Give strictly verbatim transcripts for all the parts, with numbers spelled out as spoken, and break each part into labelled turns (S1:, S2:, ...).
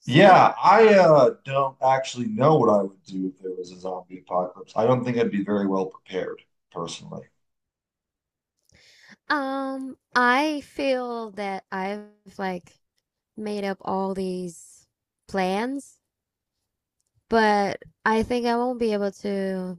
S1: So,
S2: Yeah, I uh, don't actually know what I would do if there was a zombie apocalypse. I don't think I'd be very well prepared, personally.
S1: um, I feel that I've like made up all these plans, but I think I won't be able to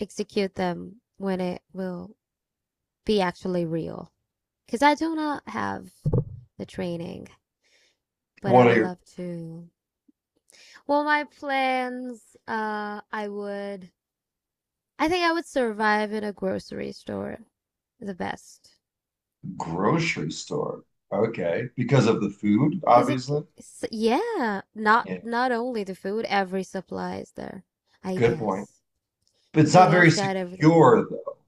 S1: execute them when it will be actually real. Because I do not have the training, but I
S2: What
S1: would
S2: a
S1: love to. Well, my plans, uh, I would, I think I would survive in a grocery store the best.
S2: grocery store. Okay. Because of the food,
S1: Cause it,
S2: obviously.
S1: s- yeah, not
S2: Yeah,
S1: not only the food, every supply is there. I
S2: good point.
S1: guess.
S2: But it's
S1: You
S2: not
S1: know,
S2: very
S1: it's got everything.
S2: secure, though.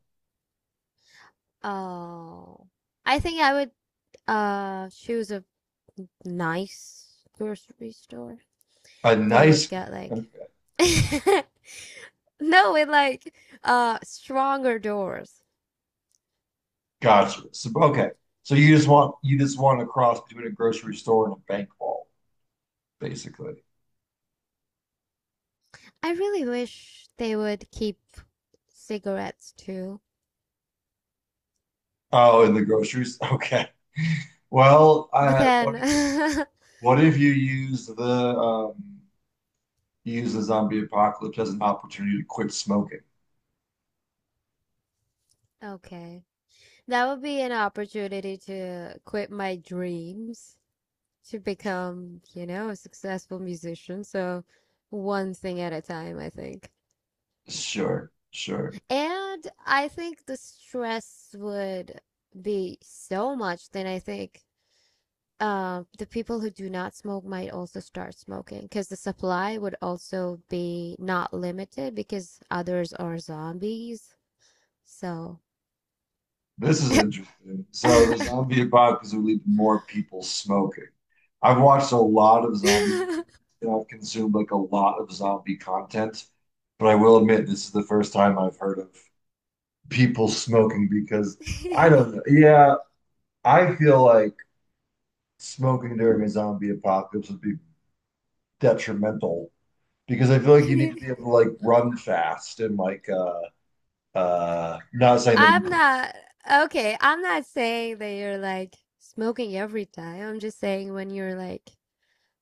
S1: Oh, I think I would uh choose a nice grocery store
S2: A
S1: that has
S2: nice,
S1: got like
S2: okay.
S1: no, with like uh stronger doors.
S2: Gotcha. So, okay. So you just want you just want to cross between a grocery store and a bank vault, basically.
S1: I really wish they would keep cigarettes too,
S2: Oh, in the groceries? Okay. Well,
S1: but
S2: uh, what
S1: then
S2: if, what if you use the um use the zombie apocalypse as an opportunity to quit smoking.
S1: okay. That would be an opportunity to quit my dreams to become, you know, a successful musician. So, one thing at a time, I think.
S2: Sure, sure.
S1: And I think the stress would be so much, then I think uh, the people who do not smoke might also start smoking because the supply would also be not limited because others are zombies. So.
S2: This is interesting. So the zombie apocalypse would lead to more people smoking. I've watched a lot of zombie movies and I've consumed like a lot of zombie content, but I will admit this is the first time I've heard of people smoking because I don't know. Yeah, I feel like smoking during a zombie apocalypse would be detrimental because I feel like you need to be able to like run fast and like uh Uh, not saying that you
S1: I'm not Okay. I'm not saying that you're like smoking every time. I'm just saying when you're like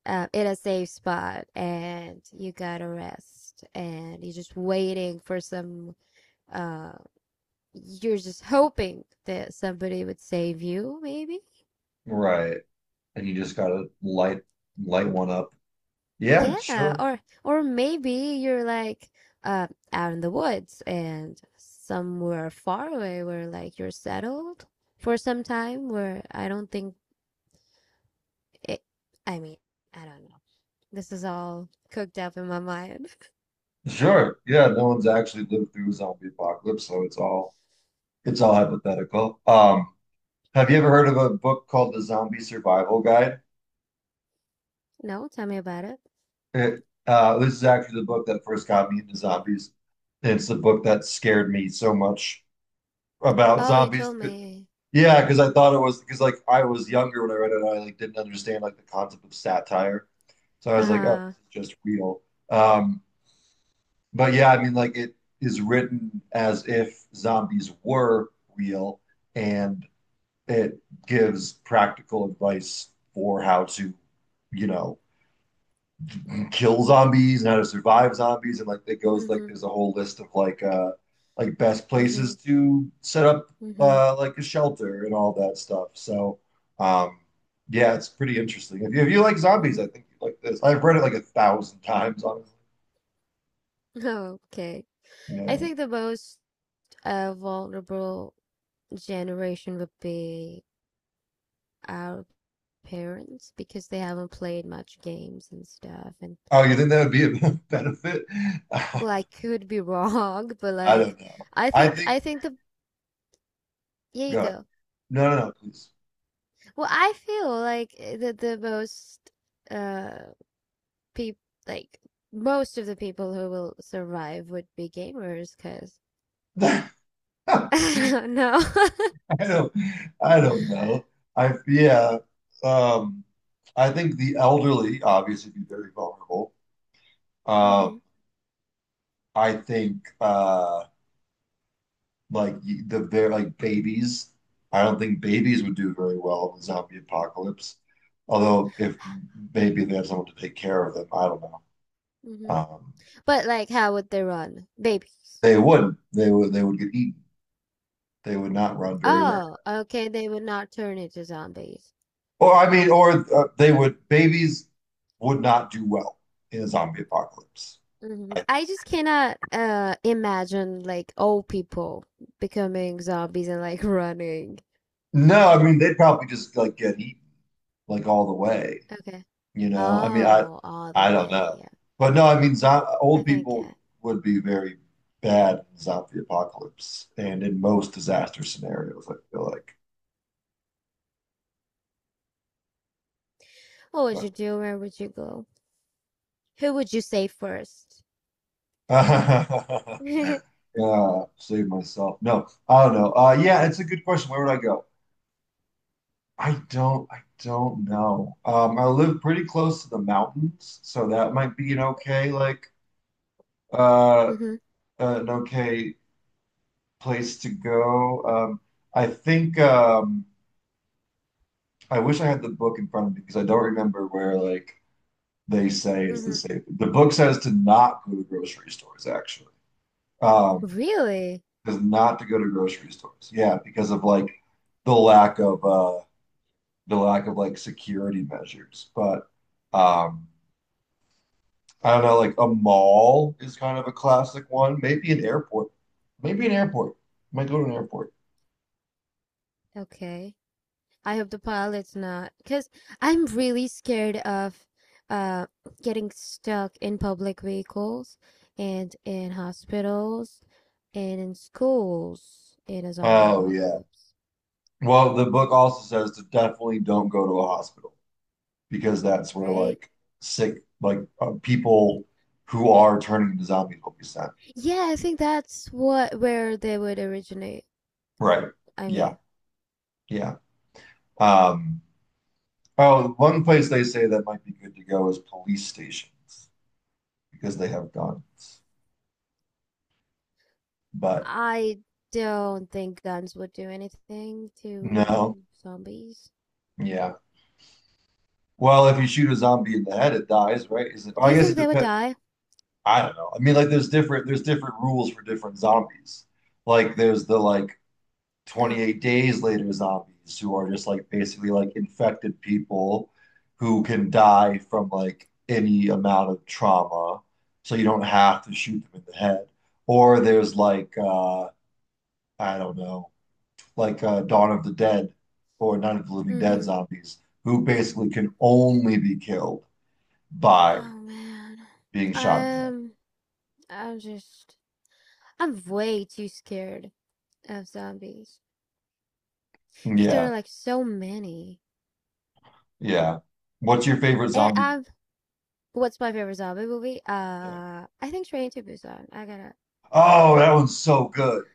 S1: uh, in a safe spot and you gotta rest and you're just waiting for some. Uh, you're just hoping that somebody would save you, maybe.
S2: right, and you just gotta light light one up. Yeah,
S1: Yeah,
S2: sure,
S1: or or maybe you're like uh, out in the woods and somewhere far away where like you're settled for some time where I don't think It, I mean, I don't know. This is all cooked up in my mind.
S2: sure. Yeah, no one's actually lived through a zombie apocalypse, so it's all it's all hypothetical. Um, have you ever heard of a book called The Zombie Survival Guide?
S1: No, tell me about it.
S2: It, uh, this is actually the book that first got me into zombies. It's the book that scared me so much about
S1: Oh, you
S2: zombies.
S1: told
S2: 'Cause—
S1: me.
S2: yeah, because I thought it was because like I was younger when I read it, and I like didn't understand like the concept of satire. So I was like, oh,
S1: Uh-huh.
S2: this is just real. Um, but yeah, I mean, like it is written as if zombies were real, and it gives practical advice for how to, you know, kill zombies and how to survive zombies, and like it goes like
S1: Mm-hmm.
S2: there's a whole list of like uh like best
S1: Mm-hmm.
S2: places to set up
S1: Mm-hmm.
S2: uh like a shelter and all that stuff. So um yeah, it's pretty interesting. If you if you like zombies,
S1: Mm-hmm.
S2: I think you like this. I've read it like a thousand times.
S1: Okay. I
S2: Yeah.
S1: think the most uh, vulnerable generation would be our parents because they haven't played much games and stuff and
S2: Oh, you think that would be a benefit? I
S1: well, I could be wrong but like
S2: don't know.
S1: I
S2: I
S1: think
S2: think
S1: I think the here you
S2: God.
S1: go
S2: No, no, no, please.
S1: well, I feel like eh, the the most uh people like most of the people who will survive would be gamers because
S2: I
S1: I don't know.
S2: don't I don't know. I yeah. Um I think the elderly obviously be very vulnerable. Um
S1: Hmm.
S2: I think uh like y- the very like babies. I don't think babies would do very well in the zombie apocalypse. Although if maybe they have someone to take care of them, I don't know.
S1: Hmm.
S2: Um
S1: But like, how would they run? Babies.
S2: they wouldn't. They would they would get eaten. They would not run very well.
S1: Oh, okay. They would not turn into zombies.
S2: Or I mean, or uh, they would babies would not do well in a zombie apocalypse.
S1: Hmm.
S2: I,
S1: I just cannot uh imagine like old people becoming zombies and like running.
S2: no, I mean they'd probably just like get eaten like all the way.
S1: Okay.
S2: You know, I mean, I
S1: Oh, all the
S2: I don't
S1: way.
S2: know,
S1: Yeah,
S2: but no, I mean, zo
S1: I
S2: old
S1: think.
S2: people
S1: Uh,
S2: would be very bad in zombie apocalypse and in most disaster scenarios. I feel like,
S1: what would
S2: but
S1: you do? Where would you go? Who would you save first?
S2: yeah,
S1: Hmm.
S2: save myself. No, I don't know. Uh, yeah, it's a good question. Where would I go? I don't, I don't know. Um, I live pretty close to the mountains, so that might be an okay, like, uh, an okay place to go. Um, I think, um, I wish I had the book in front of me because I don't remember where, like, they say it's the
S1: Hmm.
S2: safe. The book says to not go to grocery stores, actually. Um,
S1: Really?
S2: is not to go to grocery stores. Yeah, because of like the lack of, uh, the lack of like security measures, but, um, I don't know, like a mall is kind of a classic one. Maybe an airport. Maybe an airport. Might go to an airport.
S1: Okay. I hope the pilot's not, because I'm really scared of uh getting stuck in public vehicles and in hospitals and in schools in a zombie
S2: Oh yeah.
S1: apocalypse,
S2: Well, the book also says to definitely don't go to a hospital because that's where
S1: right?
S2: like sick like uh, people who are turning into zombies will be sent.
S1: Yeah, I think that's what where they would originate from.
S2: Right.
S1: I
S2: Yeah.
S1: mean,
S2: Yeah. Um, oh, one place they say that might be good to go is police stations because they have guns. But
S1: I don't think guns would do anything
S2: no.
S1: to zombies.
S2: Yeah. Well, if you shoot a zombie in the head, it dies, right? Is it? Well,
S1: Do
S2: I
S1: you
S2: guess
S1: think
S2: it
S1: they would
S2: depends.
S1: die?
S2: I don't know. I mean, like there's different there's different rules for different zombies. Like there's the like
S1: Uh-huh.
S2: twenty-eight days later zombies who are just like basically like infected people who can die from like any amount of trauma. So you don't have to shoot them in the head. Or there's like uh I don't know, like uh Dawn of the Dead or Night of the Living Dead
S1: Mm-hmm.
S2: zombies who basically can only be killed by
S1: Oh man.
S2: being shot at.
S1: I'm I'm just I'm way too scared of zombies because there are
S2: Yeah,
S1: like so many.
S2: yeah. What's your favorite
S1: And
S2: zombie movie?
S1: I'm what's my favorite zombie movie?
S2: Yeah.
S1: Uh, I think Train to Busan. I gotta
S2: Oh, that one's so good.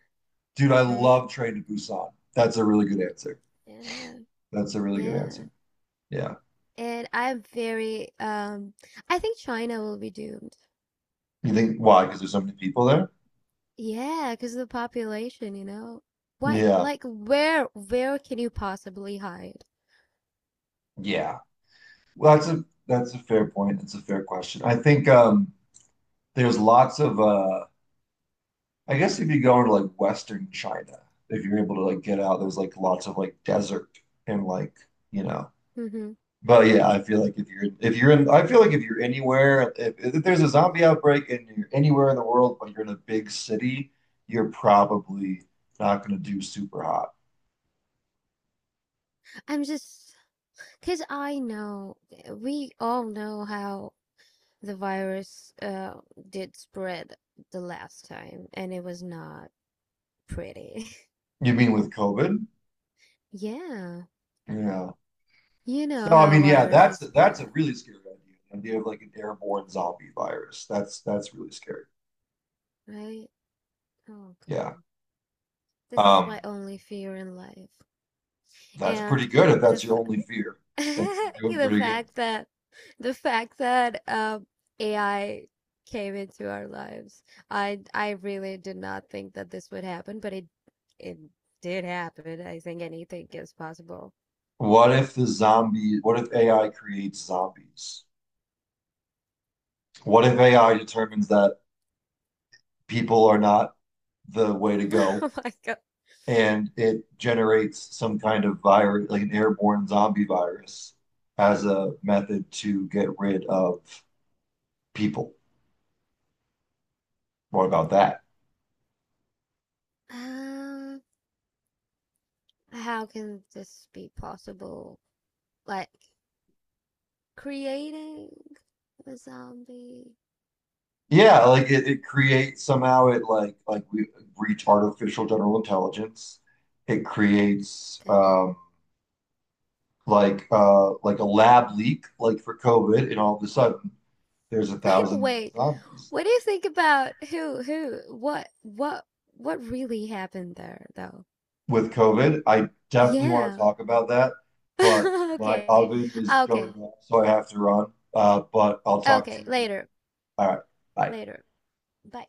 S2: Dude, I
S1: right?
S2: love Train to Busan. That's a really good answer.
S1: Yeah,
S2: That's a really good
S1: yeah.
S2: answer. Yeah.
S1: And I'm very um. I think China will be doomed.
S2: You think why? Because there's so many people there?
S1: Yeah, because of the population, you know. Why?
S2: Yeah.
S1: Like, where? Where can you possibly hide?
S2: Yeah. Well, that's a that's a fair point. It's a fair question. I think um there's lots of uh I guess if you go into like Western China, if you're able to like get out, there's like lots of like desert and like, you know,
S1: Hmm.
S2: but yeah, I feel like if you're if you're in, I feel like if you're anywhere, if, if there's a zombie outbreak and you're anywhere in the world, but you're in a big city, you're probably not going to do super hot.
S1: I'm just because I know, eh, we all know how the virus uh, did spread the last time, and it was not pretty.
S2: You mean with COVID?
S1: Yeah,
S2: Yeah.
S1: you know
S2: So I
S1: how
S2: mean, yeah, that's
S1: viruses
S2: that's a
S1: spread,
S2: really scary idea. The idea of like an airborne zombie virus. That's that's really scary.
S1: right? Oh,
S2: Yeah.
S1: God. This is
S2: Um,
S1: my only fear in life.
S2: that's
S1: And
S2: pretty good if
S1: the
S2: that's your only fear. That's doing
S1: the
S2: pretty good.
S1: fact that the fact that um A I came into our lives. I I really did not think that this would happen, but it it did happen. I think anything is possible.
S2: What if the zombie, what if A I creates zombies? What if A I determines that people are not the way to go.
S1: Oh my God.
S2: And it generates some kind of virus, like an airborne zombie virus, as a method to get rid of people. What about that?
S1: Um, how can this be possible? Like creating a zombie?
S2: Yeah, like it, it creates somehow it like like we reach artificial general intelligence. It creates
S1: Okay.
S2: um like uh like a lab leak like for COVID and all of a sudden there's a thousand
S1: Wait.
S2: zombies
S1: What do you think about who who what what what really happened there though?
S2: with COVID. I definitely want to
S1: Yeah.
S2: talk about that, but my
S1: Okay.
S2: oven is
S1: Ah,
S2: going
S1: okay.
S2: off, so I have to run. Uh, but I'll talk to
S1: Okay.
S2: you again.
S1: Later.
S2: All right. Bye.
S1: Later. Bye.